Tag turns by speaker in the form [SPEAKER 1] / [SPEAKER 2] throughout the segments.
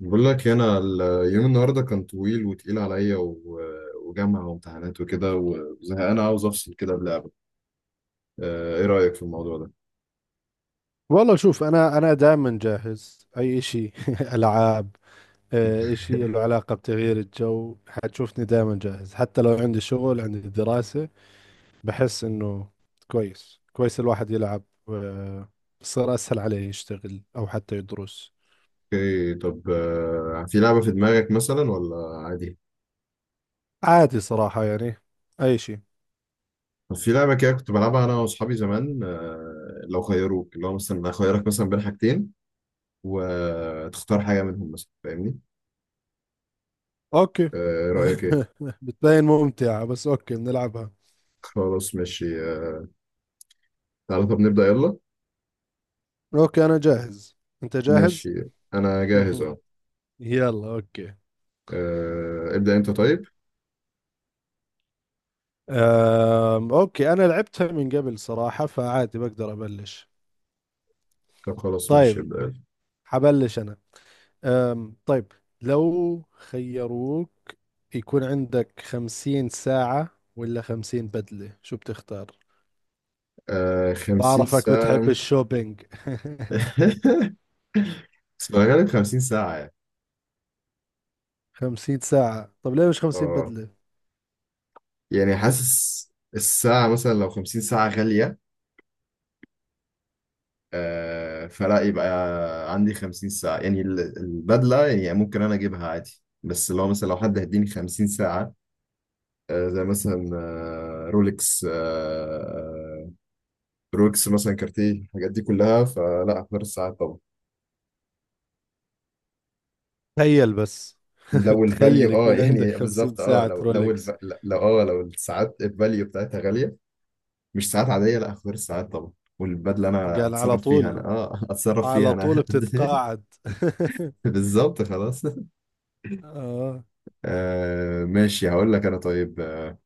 [SPEAKER 1] بقول لك إيه، انا اليوم النهارده كان طويل وتقيل عليا وجامعه وامتحانات وكده وزهقان عاوز افصل كده بلعبه. ايه رايك في الموضوع ده؟
[SPEAKER 2] والله شوف انا دائما جاهز اي شيء العاب، شيء له علاقه بتغيير الجو حتشوفني دائما جاهز حتى لو عندي شغل عندي دراسه. بحس انه كويس كويس الواحد يلعب، آه، صار اسهل عليه يشتغل او حتى يدرس.
[SPEAKER 1] اوكي طب، في لعبه في دماغك مثلا ولا عادي؟
[SPEAKER 2] عادي صراحه، يعني اي شيء.
[SPEAKER 1] طب في لعبه كده كنت بلعبها انا واصحابي زمان. لو خيروك، اللي هو مثلا اخيرك مثلا بين حاجتين وتختار حاجه منهم، مثلا فاهمني؟
[SPEAKER 2] اوكي،
[SPEAKER 1] آه، ايه رايك؟ ايه؟
[SPEAKER 2] بتبين ممتعه بس اوكي بنلعبها.
[SPEAKER 1] خلاص ماشي. تعالى طب نبدا يلا.
[SPEAKER 2] اوكي انا جاهز، انت جاهز؟
[SPEAKER 1] ماشي، انا جاهز، اه.
[SPEAKER 2] يلا اوكي.
[SPEAKER 1] ابدا انت طيب.
[SPEAKER 2] اوكي انا لعبتها من قبل صراحة فعادي بقدر ابلش.
[SPEAKER 1] طب خلاص ماشي،
[SPEAKER 2] طيب،
[SPEAKER 1] ابدا.
[SPEAKER 2] حبلش انا. طيب، لو خيروك يكون عندك 50 ساعة ولا 50 بدلة، شو بتختار؟
[SPEAKER 1] آه، 50
[SPEAKER 2] بعرفك بتحب
[SPEAKER 1] ساعة.
[SPEAKER 2] الشوبينج.
[SPEAKER 1] بس غالب 50 ساعة يعني.
[SPEAKER 2] 50 ساعة؟ طب ليه مش خمسين
[SPEAKER 1] اه،
[SPEAKER 2] بدلة
[SPEAKER 1] يعني حاسس الساعة مثلا لو 50 ساعة غالية، آه فلا، يبقى عندي 50 ساعة، يعني البدلة يعني ممكن أنا أجيبها عادي، بس لو مثلا حد هيديني 50 ساعة، آه زي مثلا آه رولكس، آه رولكس مثلا كارتيه، الحاجات دي كلها، فلا أختار الساعات طبعا.
[SPEAKER 2] تخيل بس،
[SPEAKER 1] لو
[SPEAKER 2] تخيل
[SPEAKER 1] الفاليو اه
[SPEAKER 2] يكون عندك
[SPEAKER 1] يعني
[SPEAKER 2] خمسين
[SPEAKER 1] بالظبط، اه،
[SPEAKER 2] ساعة رولكس
[SPEAKER 1] لو اه الساعات الفاليو بتاعتها غالية، مش ساعات عادية، لا اختار الساعات طبعا. والبدلة انا
[SPEAKER 2] قال على
[SPEAKER 1] اتصرف فيها انا،
[SPEAKER 2] طول،
[SPEAKER 1] اه اتصرف فيها
[SPEAKER 2] على طول
[SPEAKER 1] انا.
[SPEAKER 2] بتتقاعد.
[SPEAKER 1] بالظبط، خلاص.
[SPEAKER 2] اه،
[SPEAKER 1] آه ماشي، هقول لك انا، طيب.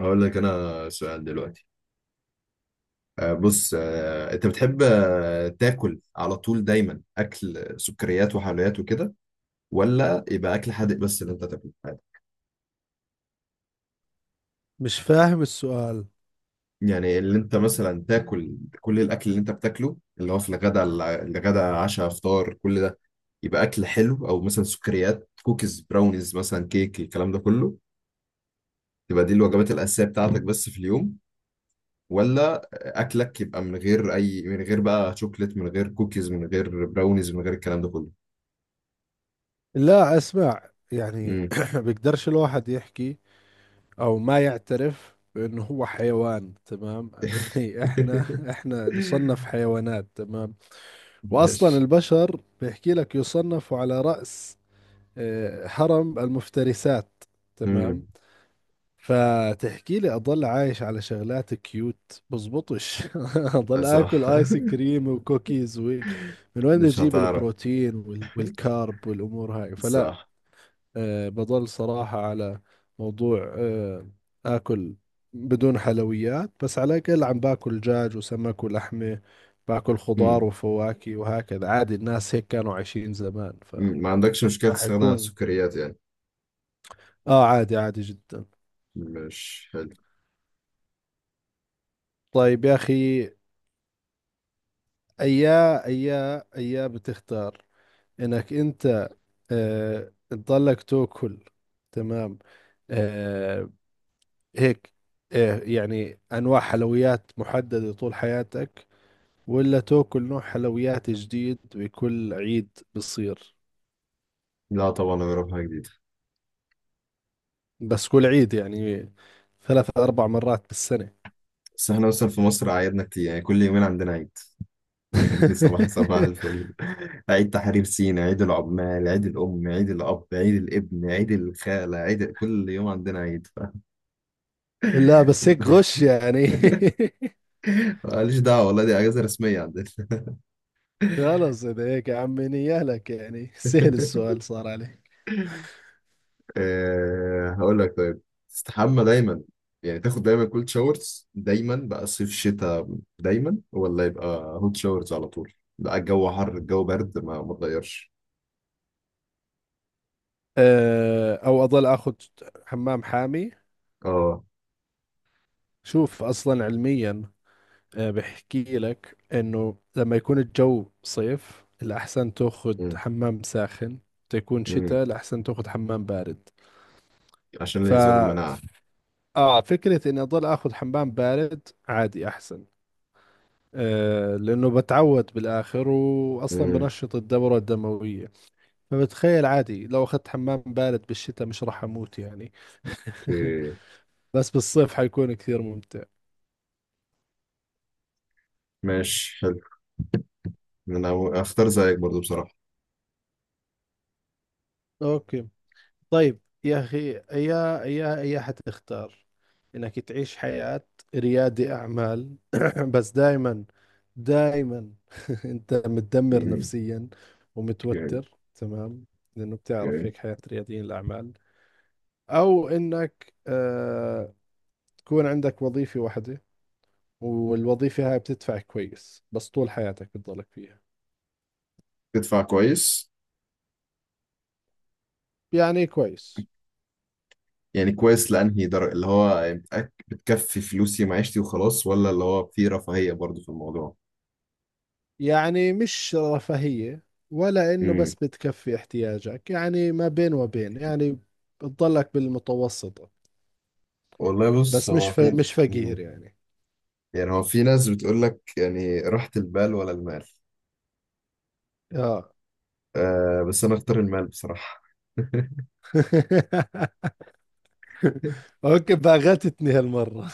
[SPEAKER 1] هقول لك انا سؤال دلوقتي. آه بص، انت بتحب تاكل على طول دايما اكل سكريات وحلويات وكده، ولا يبقى اكل حادق بس اللي انت تاكله؟
[SPEAKER 2] مش فاهم السؤال.
[SPEAKER 1] يعني اللي انت مثلا تاكل، كل الاكل اللي انت بتاكله اللي هو في الغداء، الغداء عشاء فطار كل ده، يبقى اكل حلو او مثلا سكريات، كوكيز براونيز مثلا كيك، الكلام ده كله، تبقى دي الوجبات الاساسيه بتاعتك بس في اليوم، ولا اكلك يبقى من غير اي من غير بقى شوكليت، من غير كوكيز، من غير براونيز، من غير الكلام ده كله؟
[SPEAKER 2] لا اسمع يعني،
[SPEAKER 1] امم
[SPEAKER 2] بيقدرش الواحد يحكي او ما يعترف بانه هو حيوان، تمام؟ يعني احنا احنا نصنف حيوانات، تمام. واصلا
[SPEAKER 1] ماشي.
[SPEAKER 2] البشر بيحكي لك يصنفوا على رأس، هرم المفترسات، تمام.
[SPEAKER 1] امم
[SPEAKER 2] فتحكي لي اضل عايش على شغلات كيوت، بزبطش، اضل اكل
[SPEAKER 1] صح.
[SPEAKER 2] ايس كريم وكوكيز وهيك؟ من وين
[SPEAKER 1] مش
[SPEAKER 2] اجيب
[SPEAKER 1] هتعرف،
[SPEAKER 2] البروتين والكارب والامور هاي؟ فلا.
[SPEAKER 1] صح.
[SPEAKER 2] بضل صراحة على موضوع، آكل بدون حلويات، بس على الأقل عم باكل دجاج وسمك ولحمة، باكل خضار
[SPEAKER 1] امم
[SPEAKER 2] وفواكه وهكذا. عادي، الناس هيك كانوا عايشين زمان فما.
[SPEAKER 1] أمم. ما عندكش مشكله تستغنى عن
[SPEAKER 2] حيكون،
[SPEAKER 1] السكريات يعني؟
[SPEAKER 2] آه، عادي عادي جدا.
[SPEAKER 1] مش حلو.
[SPEAKER 2] طيب يا أخي، أيا أيا أيا بتختار، إنك أنت، تضلك تاكل، تمام، آه، هيك، يعني أنواع حلويات محددة طول حياتك، ولا تاكل نوع حلويات جديد بكل عيد بصير؟
[SPEAKER 1] لا طبعا نجرب حاجة جديدة.
[SPEAKER 2] بس كل عيد يعني، 3 4 مرات بالسنة.
[SPEAKER 1] بس احنا مثلا في مصر عيدنا كتير، يعني كل يومين عندنا عيد. يعني صباح الفل، عيد تحرير سينا، عيد العمال، عيد الأم، عيد الأب، عيد الابن، عيد الخالة، عيد كل يوم عندنا عيد.
[SPEAKER 2] لا بس هيك غش يعني.
[SPEAKER 1] ماليش دعوة والله، دي أجازة رسمية عندنا.
[SPEAKER 2] خلص إذا هيك يا عمي، نيالك يعني سهل السؤال صار عليه.
[SPEAKER 1] أه هقول لك، طيب. تستحمى دايما، يعني تاخد دايما كولد شاورز دايما بقى، صيف شتاء دايما، ولا يبقى هوت شاورز على طول؟ لا الجو حر الجو برد ما تغيرش.
[SPEAKER 2] أه، أو أضل أخذ حمام حامي؟
[SPEAKER 1] اه.
[SPEAKER 2] شوف أصلا علميا، أه، بحكي لك إنه لما يكون الجو صيف الأحسن تأخذ
[SPEAKER 1] مم.
[SPEAKER 2] حمام ساخن، تكون
[SPEAKER 1] مم.
[SPEAKER 2] شتاء الأحسن تأخذ حمام بارد.
[SPEAKER 1] عشان اللي
[SPEAKER 2] ف
[SPEAKER 1] يزود المناعة.
[SPEAKER 2] اه فكرة اني اضل اخذ حمام بارد عادي احسن، آه، لانه بتعود بالاخر واصلا
[SPEAKER 1] مم،
[SPEAKER 2] بنشط الدورة الدموية. فبتخيل عادي لو اخذت حمام بارد بالشتاء مش راح اموت يعني.
[SPEAKER 1] اوكي،
[SPEAKER 2] بس بالصيف حيكون كثير ممتع.
[SPEAKER 1] ماشي، حلو. انا اختار زيك برضو بصراحة.
[SPEAKER 2] اوكي. طيب يا أخي، يا يا يا حتختار إنك تعيش حياة ريادي أعمال، بس دائما دائما أنت متدمر
[SPEAKER 1] مم،
[SPEAKER 2] نفسيا
[SPEAKER 1] اوكي.
[SPEAKER 2] ومتوتر، تمام؟ لأنه بتعرف
[SPEAKER 1] اوكي.
[SPEAKER 2] هيك حياة رياديين الأعمال. أو إنك، آه، تكون عندك وظيفة واحدة والوظيفة هاي بتدفع كويس بس طول حياتك بتضلك فيها.
[SPEAKER 1] تدفع كويس؟
[SPEAKER 2] يعني كويس،
[SPEAKER 1] يعني كويس لأنهي درجة، اللي هو بتكفي فلوسي ومعيشتي وخلاص، ولا اللي هو في رفاهية برضو في الموضوع؟
[SPEAKER 2] يعني مش رفاهية، ولا إنه بس بتكفي احتياجك، يعني ما بين وبين يعني، بتضلك بالمتوسطة،
[SPEAKER 1] والله بص،
[SPEAKER 2] بس مش
[SPEAKER 1] هو في
[SPEAKER 2] مش فقير
[SPEAKER 1] مم.
[SPEAKER 2] يعني.
[SPEAKER 1] يعني هو في ناس بتقول لك يعني راحة البال ولا المال.
[SPEAKER 2] آه.
[SPEAKER 1] آه، بس انا اختار المال بصراحة.
[SPEAKER 2] أوكي، باغتتني هالمرة.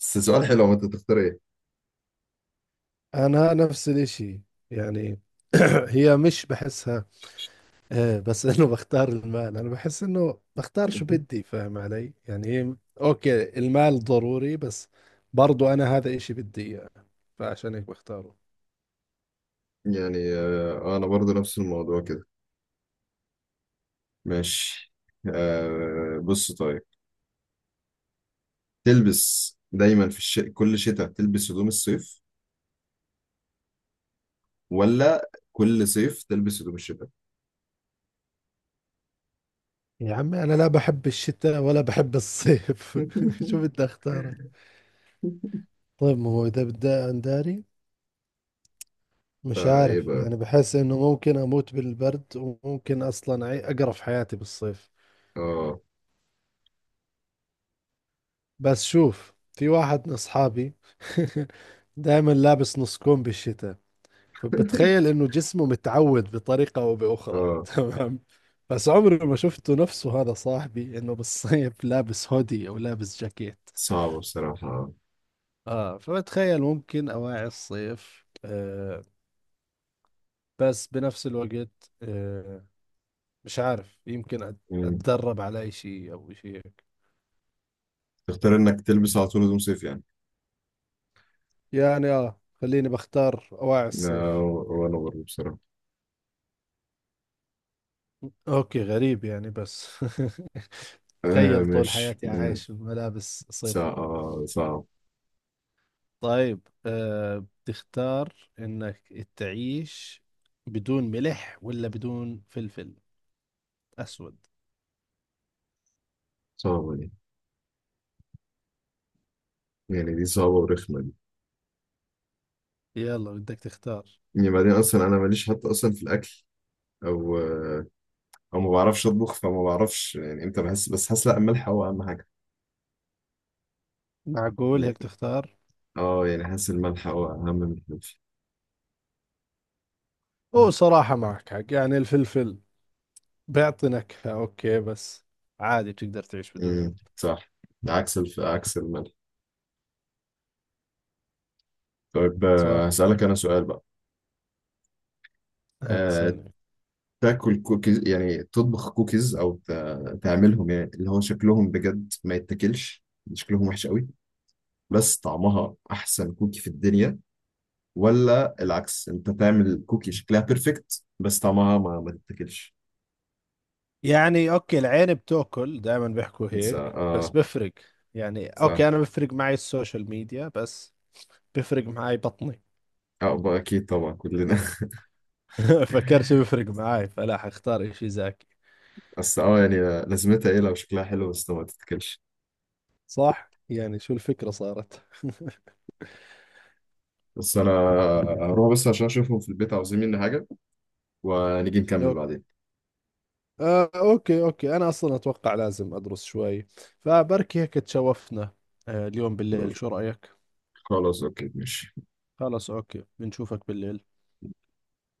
[SPEAKER 1] بس سؤال حلو، هو انت تختار ايه؟
[SPEAKER 2] أنا نفس الإشي يعني، هي مش بحسها، آه، بس إنه بختار المال. أنا بحس إنه بختار شو
[SPEAKER 1] مهم.
[SPEAKER 2] بدي، فاهم علي؟ يعني أوكي المال ضروري، بس برضو أنا هذا إشي بدي إياه، فعشان هيك بختاره.
[SPEAKER 1] يعني انا برضو نفس الموضوع كده. ماشي. آه بص طيب، تلبس دايما في كل شتاء تلبس هدوم الصيف، ولا كل صيف تلبس هدوم الشتاء؟
[SPEAKER 2] يا عمي، أنا لا بحب الشتاء ولا بحب الصيف، شو بدي أختار؟ طيب ما هو إذا بدي أنداري، مش
[SPEAKER 1] فايه
[SPEAKER 2] عارف
[SPEAKER 1] بقى؟
[SPEAKER 2] يعني. بحس إنه ممكن أموت بالبرد، وممكن أصلا أقرف حياتي بالصيف.
[SPEAKER 1] اه.
[SPEAKER 2] بس شوف في واحد من أصحابي، دائما لابس نص كم بالشتاء، فبتخيل إنه جسمه متعود بطريقة أو بأخرى.
[SPEAKER 1] اه،
[SPEAKER 2] تمام؟ بس عمري ما شفته نفسه هذا صاحبي إنه بالصيف لابس هودي أو لابس جاكيت.
[SPEAKER 1] صعبة بصراحة.
[SPEAKER 2] اه، فبتخيل ممكن اواعي الصيف، آه، بس بنفس الوقت، آه، مش عارف، يمكن
[SPEAKER 1] مم.
[SPEAKER 2] اتدرب على اي شيء او شيء هيك.
[SPEAKER 1] تختار انك تلبس على طول هدوم صيف يعني؟
[SPEAKER 2] يعني اه، خليني بختار اواعي
[SPEAKER 1] لا،
[SPEAKER 2] الصيف.
[SPEAKER 1] وأنا برضه بصراحة.
[SPEAKER 2] اوكي غريب يعني، بس
[SPEAKER 1] آه
[SPEAKER 2] تخيل طول
[SPEAKER 1] مش
[SPEAKER 2] حياتي
[SPEAKER 1] مم.
[SPEAKER 2] عايش بملابس
[SPEAKER 1] صعب،
[SPEAKER 2] صيفي.
[SPEAKER 1] صعب.
[SPEAKER 2] طيب، آه، بتختار انك تعيش بدون ملح ولا بدون فلفل اسود؟
[SPEAKER 1] صعبة دي، يعني دي صعبة ورخمة دي.
[SPEAKER 2] يلا بدك تختار.
[SPEAKER 1] يعني بعدين أصلا أنا ماليش حتى أصلا في الأكل، أو آه، أو ما بعرفش أطبخ، فما بعرفش يعني إمتى بحس، بس حاسس لا الملح هو أهم حاجة.
[SPEAKER 2] معقول
[SPEAKER 1] يعني
[SPEAKER 2] هيك تختار؟
[SPEAKER 1] أه، يعني حاسس الملح هو أهم من الفلفل.
[SPEAKER 2] هو صراحة معك حق، يعني الفلفل بيعطي نكهة، أوكي، بس عادي بتقدر تعيش بدونه.
[SPEAKER 1] صح. عكس عكس الملح. طيب
[SPEAKER 2] صح.
[SPEAKER 1] هسألك أنا سؤال بقى. آه،
[SPEAKER 2] هتسألني؟
[SPEAKER 1] تاكل كوكيز، يعني تطبخ كوكيز او تعملهم يعني اللي هو شكلهم بجد ما يتاكلش، شكلهم وحش قوي، بس طعمها احسن كوكي في الدنيا، ولا العكس، انت تعمل كوكي شكلها بيرفكت بس طعمها ما تتاكلش؟
[SPEAKER 2] يعني أوكي، العين بتاكل دائما، بيحكوا
[SPEAKER 1] س-
[SPEAKER 2] هيك، بس
[SPEAKER 1] اه
[SPEAKER 2] بفرق يعني.
[SPEAKER 1] س- اه
[SPEAKER 2] أوكي، أنا بفرق معي السوشيال ميديا، بس بفرق معي بطني.
[SPEAKER 1] بقى اكيد طبعا، كلنا.
[SPEAKER 2] فكرش بفرق معي، فلا حختار إشي زاكي.
[SPEAKER 1] بس اه يعني لازمتها ايه لو شكلها حلو بس ما تتاكلش.
[SPEAKER 2] صح يعني، شو الفكرة صارت؟
[SPEAKER 1] بس انا هروح بس عشان اشوفهم في البيت، عاوزين مني حاجه، ونيجي نكمل
[SPEAKER 2] لو،
[SPEAKER 1] بعدين.
[SPEAKER 2] آه، أوكي أوكي، أنا أصلا أتوقع لازم أدرس شوي، فبركي هيك تشوفنا، آه، اليوم بالليل، شو رأيك؟
[SPEAKER 1] خلاص اوكي ماشي.
[SPEAKER 2] خلاص اوكي، بنشوفك بالليل.